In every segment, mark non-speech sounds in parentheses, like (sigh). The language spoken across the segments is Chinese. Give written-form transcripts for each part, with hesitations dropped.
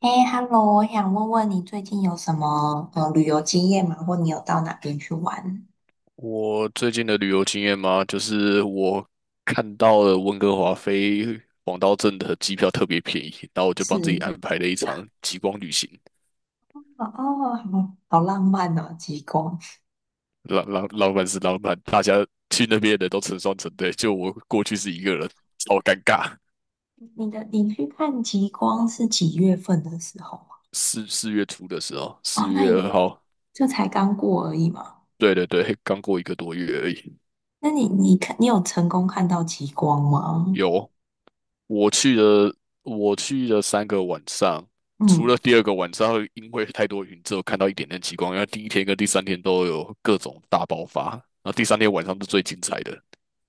哎，Hello，我想问问你最近有什么旅游经验吗？或你有到哪边去玩？我最近的旅游经验嘛，就是我看到了温哥华飞黄刀镇的机票特别便宜，然后我就帮自己是安排了一场极光旅行。哦，哦好好浪漫哦，极光。老板，大家去那边的都成双成对，就我过去是一个人，超尴尬。你去看极光是几月份的时候啊？4月初的时候，哦，四那月也二号，就才刚过而已嘛。对对对，刚过一个多月而已。那你有成功看到极光吗？有，我去了，我去了3个晚上，除嗯，了第二个晚上因为太多云之后看到一点点极光，因为第一天跟第三天都有各种大爆发，然后第三天晚上是最精彩的，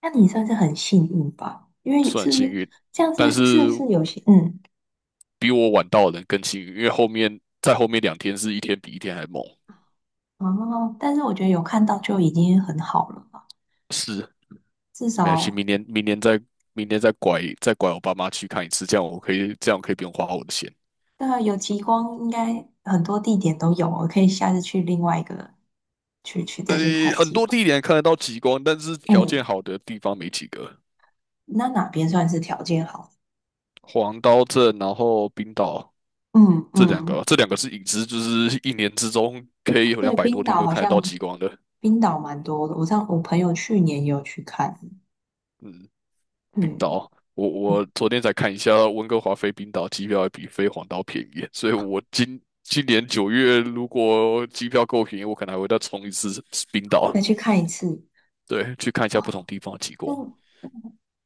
那你算是很幸运吧，因为算很是不幸是运，这样但子？是不是是有些嗯比我晚到的人更幸运，因为后面2天是一天比一天还猛。哦？但是我觉得有看到就已经很好了吧，是，至没关系，少。明年再拐我爸妈去看一次，这样我可以不用花我的钱。那有极光，应该很多地点都有，我可以下次去另外一个去呃，再去看很极多光。地点看得到极光，但是条件嗯，好的地方没几个。那哪边算是条件好？黄刀镇，然后冰岛嗯这两个，嗯，这两个是影子，就是一年之中可以有两对，百多冰天岛都好看得到像极光的。冰岛蛮多的，我朋友去年也有去看，嗯，冰嗯，岛，我嗯我昨天才看一下，温哥华飞冰岛机票还比飞黄岛便宜，所以我今年九月如果机票够便宜，我可能还会再冲一次冰岛，再去看一次。对，去看一下不同地方的极光。哦，那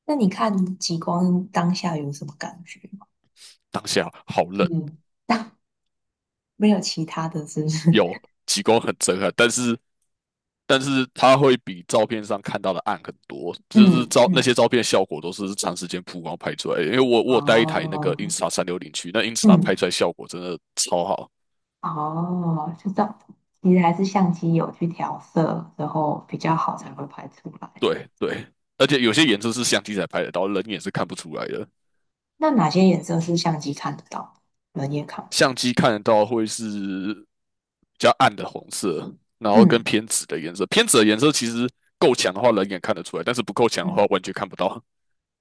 那你看极光当下有什么感觉吗？当下好冷，嗯，(laughs) 没有其他的，是不是？有极光很震撼，但是它会比照片上看到的暗很多，就是嗯照那嗯，些照片的效果都是长时间曝光拍出来的因为我有带一台那个 哦，Insta 360去，那 Insta 拍嗯。出来效果真的超好。哦，就样，其实还是相机有去调色，然后比较好才会拍出来。对对，而且有些颜色是相机才拍得到，人眼是看不出来的。那哪些颜色是相机看得到人也看不到？相机看得到会是比较暗的红色，然后跟嗯偏紫的颜色。偏紫的颜色其实够强的话，人眼看得出来，但是不够强的话，嗯，完全看不到。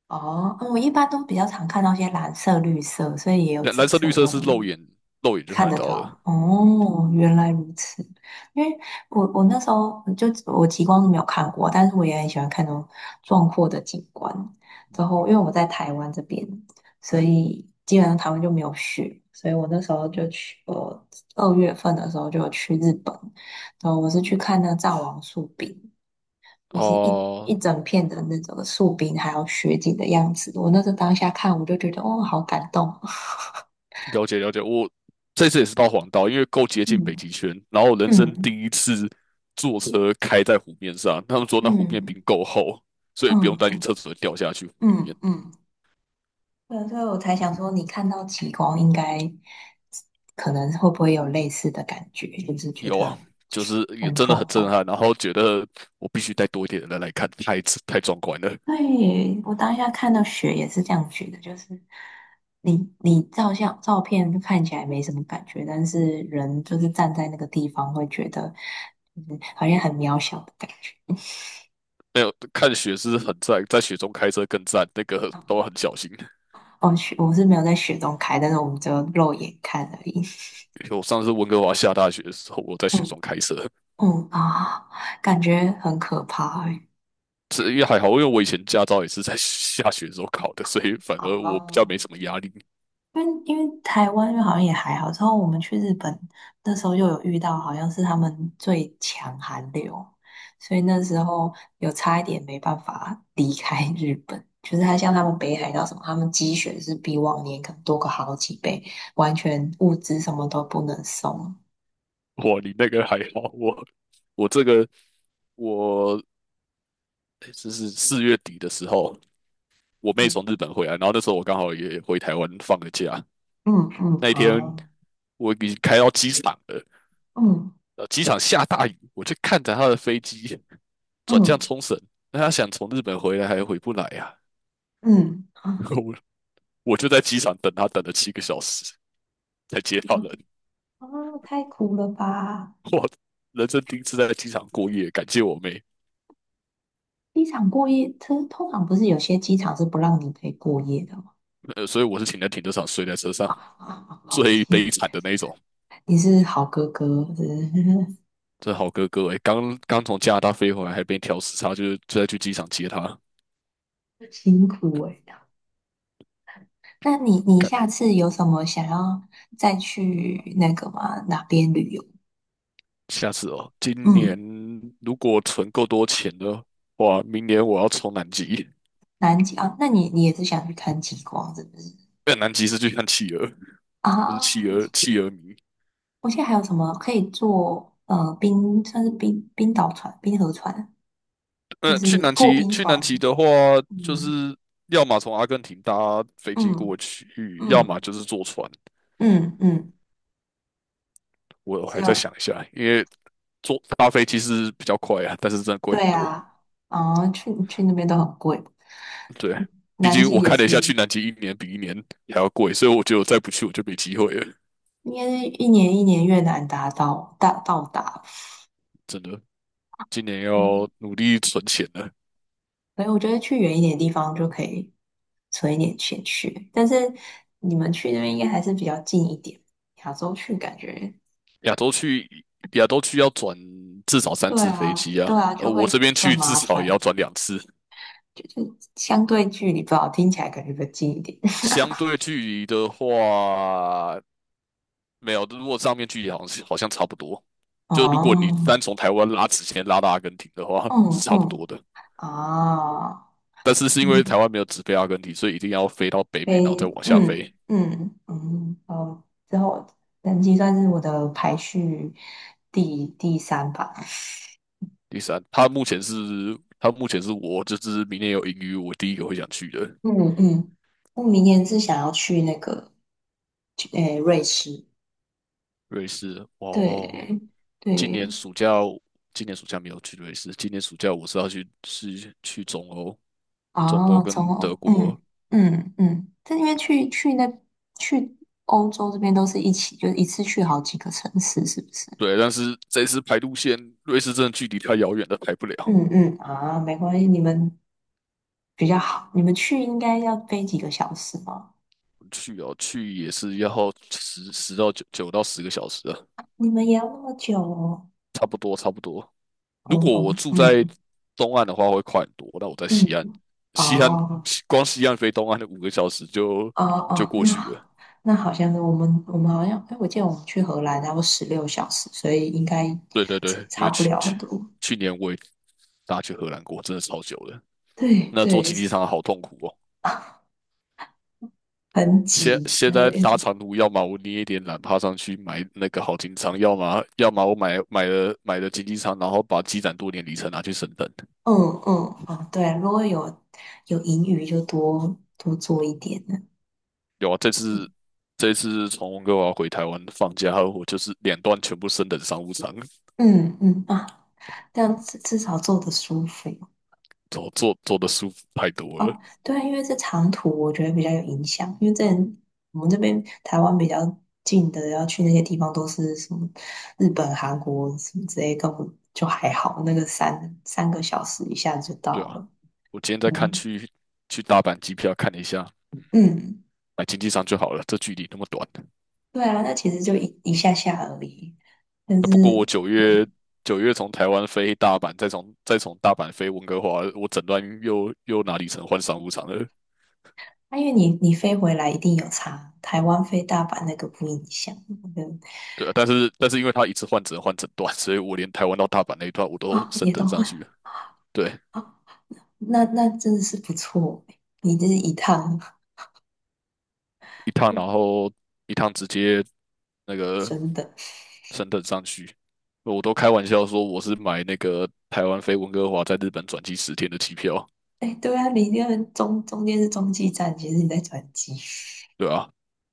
哦，嗯我一般都比较常看到一些蓝色、绿色，所以也有紫蓝色、色绿色跟是红的。肉眼就看看得得到到了。嗯，哦，原来如此。因为我那时候极光是没有看过，但是我也很喜欢看那种壮阔的景观。然后因为我在台湾这边，所以基本上台湾就没有雪，所以我那时候就去，我二月份的时候就有去日本，然后我是去看那个藏王树冰，就是一哦、一整片的那种树冰还有雪景的样子。我那时候当下看，我就觉得哦，好感动。了解了解，我这次也是到黄道，因为够接 (laughs) 近嗯北极圈，然后人生第嗯一次坐车开在湖面上，他们说那湖面嗯。冰够厚，所以不用嗯担心嗯车子会掉下去湖里面。嗯嗯，对，所以我才想说，你看到极光应该可能会不会有类似的感觉，就是觉有啊，得就是也很真的很壮震观。撼，然后觉得我必须带多一点人来看，太壮观了。对，我当下看到雪也是这样觉得，就是你照相照片就看起来没什么感觉，但是人就是站在那个地方会觉得，嗯，好像很渺小的感觉。(laughs) 没有看雪是很赞，在雪中开车更赞，那个都哦，很小心。哦雪我是没有在雪中开，但是我们只有肉眼看而已。(laughs) 我上次温哥华下大雪的时候，我在雪嗯中开车，嗯啊，感觉很可怕欸。这也还好，因为我以前驾照也是在下雪的时候考的，所以反而我比较哦，没什么压力。因为台湾因为好像也还好，之后我们去日本那时候又有遇到，好像是他们最强寒流，所以那时候有差一点没办法离开日本。就是他像他们北海道什么，他们积雪是比往年可能多个好几倍，完全物资什么都不能送。哇，你那个还好，我我这个我诶这是4月底的时候，我妹嗯从日本回来，然后那时候我刚好也回台湾放个假。嗯嗯，那一天哦，我已经开到机场了，嗯机场下大雨，我就看着他的飞机转降嗯冲绳，那他想从日本回来还回不来呀、嗯啊，啊 (laughs) 我就在机场等他，等了7个小时才接到啊，人。啊太苦了吧！(laughs) 我人生第一次在机场过夜，感谢我妹，机场过夜，通常不是有些机场是不让你可以过夜的吗？所以我是请在停车场睡在车 (laughs) 上，啊，好最悲天，惨的那一种。你是好哥哥，真是 这好哥哥哎，刚刚从加拿大飞回来，还被调时差，就是就在去机场接他。(laughs) 辛苦哎、那你干，下次有什么想要再去那个吗？哪边旅游？下次哦，今年嗯，如果存够多钱的话，明年我要冲南极。南极啊，那你也是想去看极光是不是？南极是去看企鹅，就是啊，企鹅迷。我现在还有什么可以坐？冰算是冰岛船、冰河船，就是破冰去船。南极的话，就嗯是要么从阿根廷搭飞机过嗯去，要么嗯就是坐船。嗯嗯，我只还在有。想一下，因为搭飞机是比较快啊，但是真的贵很对多。啊，哦，去那边都很贵，对，毕南竟极我也看了一是，下，去应南极一年比一年还要贵，所以我觉得我再不去我就没机会了。该是一年一年越南达到到达，真的，今年嗯，要努力存钱了。所以我觉得去远一点的地方就可以存一点钱去，但是你们去那边应该还是比较近一点，亚洲去感觉，亚洲去亚洲去要转至少三对次飞啊，机啊，对啊，就我这会边更去至麻少也要烦，转2次。就是相对距离不好，听起来感觉比较近一点。(laughs) 相对距离的话，没有，如果上面距离好像差不多。就如果你哦，单从台湾拉直线拉到阿根廷的话，嗯是差不嗯多的。啊，但是是因为台嗯湾没有直飞阿根廷，所以一定要飞到北美，然后再非，往下嗯飞。嗯嗯，哦，之后人机算是我的排序第三吧。第三，他目前是我就是明年有盈余，我第一个会想去的嗯嗯，我明年是想要去那个诶、瑞士，瑞士。哦哦，对今年对，暑假今年暑假没有去瑞士，今年暑假我是要去是去中欧，中欧啊，中跟德欧嗯国。嗯嗯，但因为去欧洲这边都是一起，就是一次去好几个城市，是不是？对，但是这次排路线，瑞士真的距离太遥远了，排不了。嗯嗯啊，没关系，你们比较好，你们去应该要飞几个小时吗？去哦，去也是要十十到九9到10个小时啊，你们也要那么久哦？差不多差不多。哦如果我哦住在嗯东岸的话，会快很多。那我在嗯西岸，西岸哦光西岸飞东岸的5个小时哦就哦，过去那了。那好像我们好像，哎，我记得我们去荷兰然后16小时，所以应该对对差对，因差为不了很多。去年我也搭去荷兰过，真的超久了。对那坐对，经济舱好痛苦哦。啊，很挤，现然后在一搭直长途，要么我捏一点懒趴上去买那个好经济舱，要么我买了经济舱，然后把积攒多年里程拿去升等。嗯嗯哦，对，如果有盈余就多多做一点呢。有啊，这次从温哥华回台湾放假后，(laughs) 我就是2段全部升等商务舱，嗯嗯啊，这样至少做的舒服。坐的舒服太多了。哦，对啊，因为这长途我觉得比较有影响，因为在我们这边台湾比较近的，要去那些地方都是什么日本、韩国什么之类，根本就还好，那个三个小时一下子就对到啊，了。我今天在看嗯去大阪机票，看了一下，嗯，买经济舱就好了，这距离那么短。对啊，那其实就一下下而已。但啊是，不过我嗯，九月从台湾飞大阪，再从大阪飞温哥华，我整段又哪里成换商务舱了？啊、因为你飞回来一定有差，台湾飞大阪那个不影响，我觉得对啊但是因为他一次换只能换整段，所以我连台湾到大阪那一段我都啊、升也都等上会去了。对，啊、那那真的是不错欸，你这一趟 一趟，然后一趟直接那 (laughs) 个真的。升等上去，我都开玩笑说我是买那个台湾飞温哥华在日本转机十天的机票，哎，对啊，你那个中间是中继站，其实你在转机。对啊，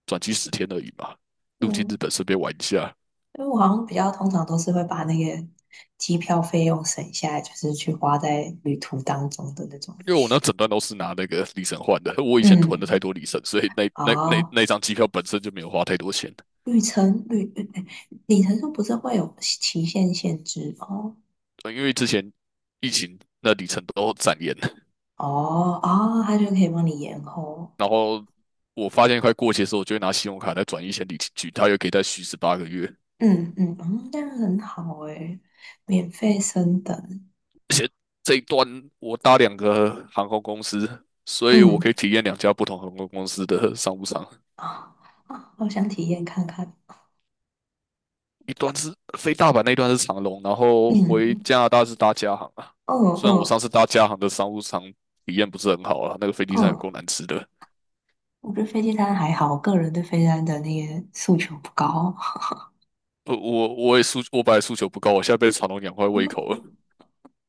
转机十天而已嘛，入境嗯，日本顺便玩一下。因为我好像比较通常都是会把那个机票费用省下来，就是去花在旅途当中的那种。因为我那整段都是拿那个里程换的，我以前囤了太嗯，多里程，所以哦，那张机票本身就没有花太多钱。旅程旅哎里程数不是会有期限限制哦？对因为之前疫情那里程都展延，哦啊，它就可以帮你延后。然后我发现快过期的时候，我就会拿信用卡再转1000里进去，它又可以再续18个月。嗯嗯，嗯，这样很好诶，免费升等。而且这一段我搭2个航空公司，所以我可以嗯体验2家不同航空公司的商务舱，啊啊，好想体验看看。一段是飞大阪，那一段是长龙，然后回嗯，加拿大是搭加航啊。哦哦。虽然我上嗯次搭加航的商务舱体验不是很好啊，那个飞机上有嗯，够难吃的。我觉得飞机餐还好，我个人对飞机餐的那个诉求不高。不，我本来诉求不高，我现在被长龙养坏胃口了。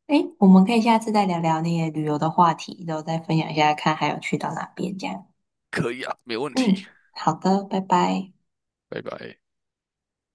诶，我们可以下次再聊聊那些旅游的话题，然后再分享一下，看还有去到哪边这样。可以啊，没问题，嗯，好的，拜拜。拜拜。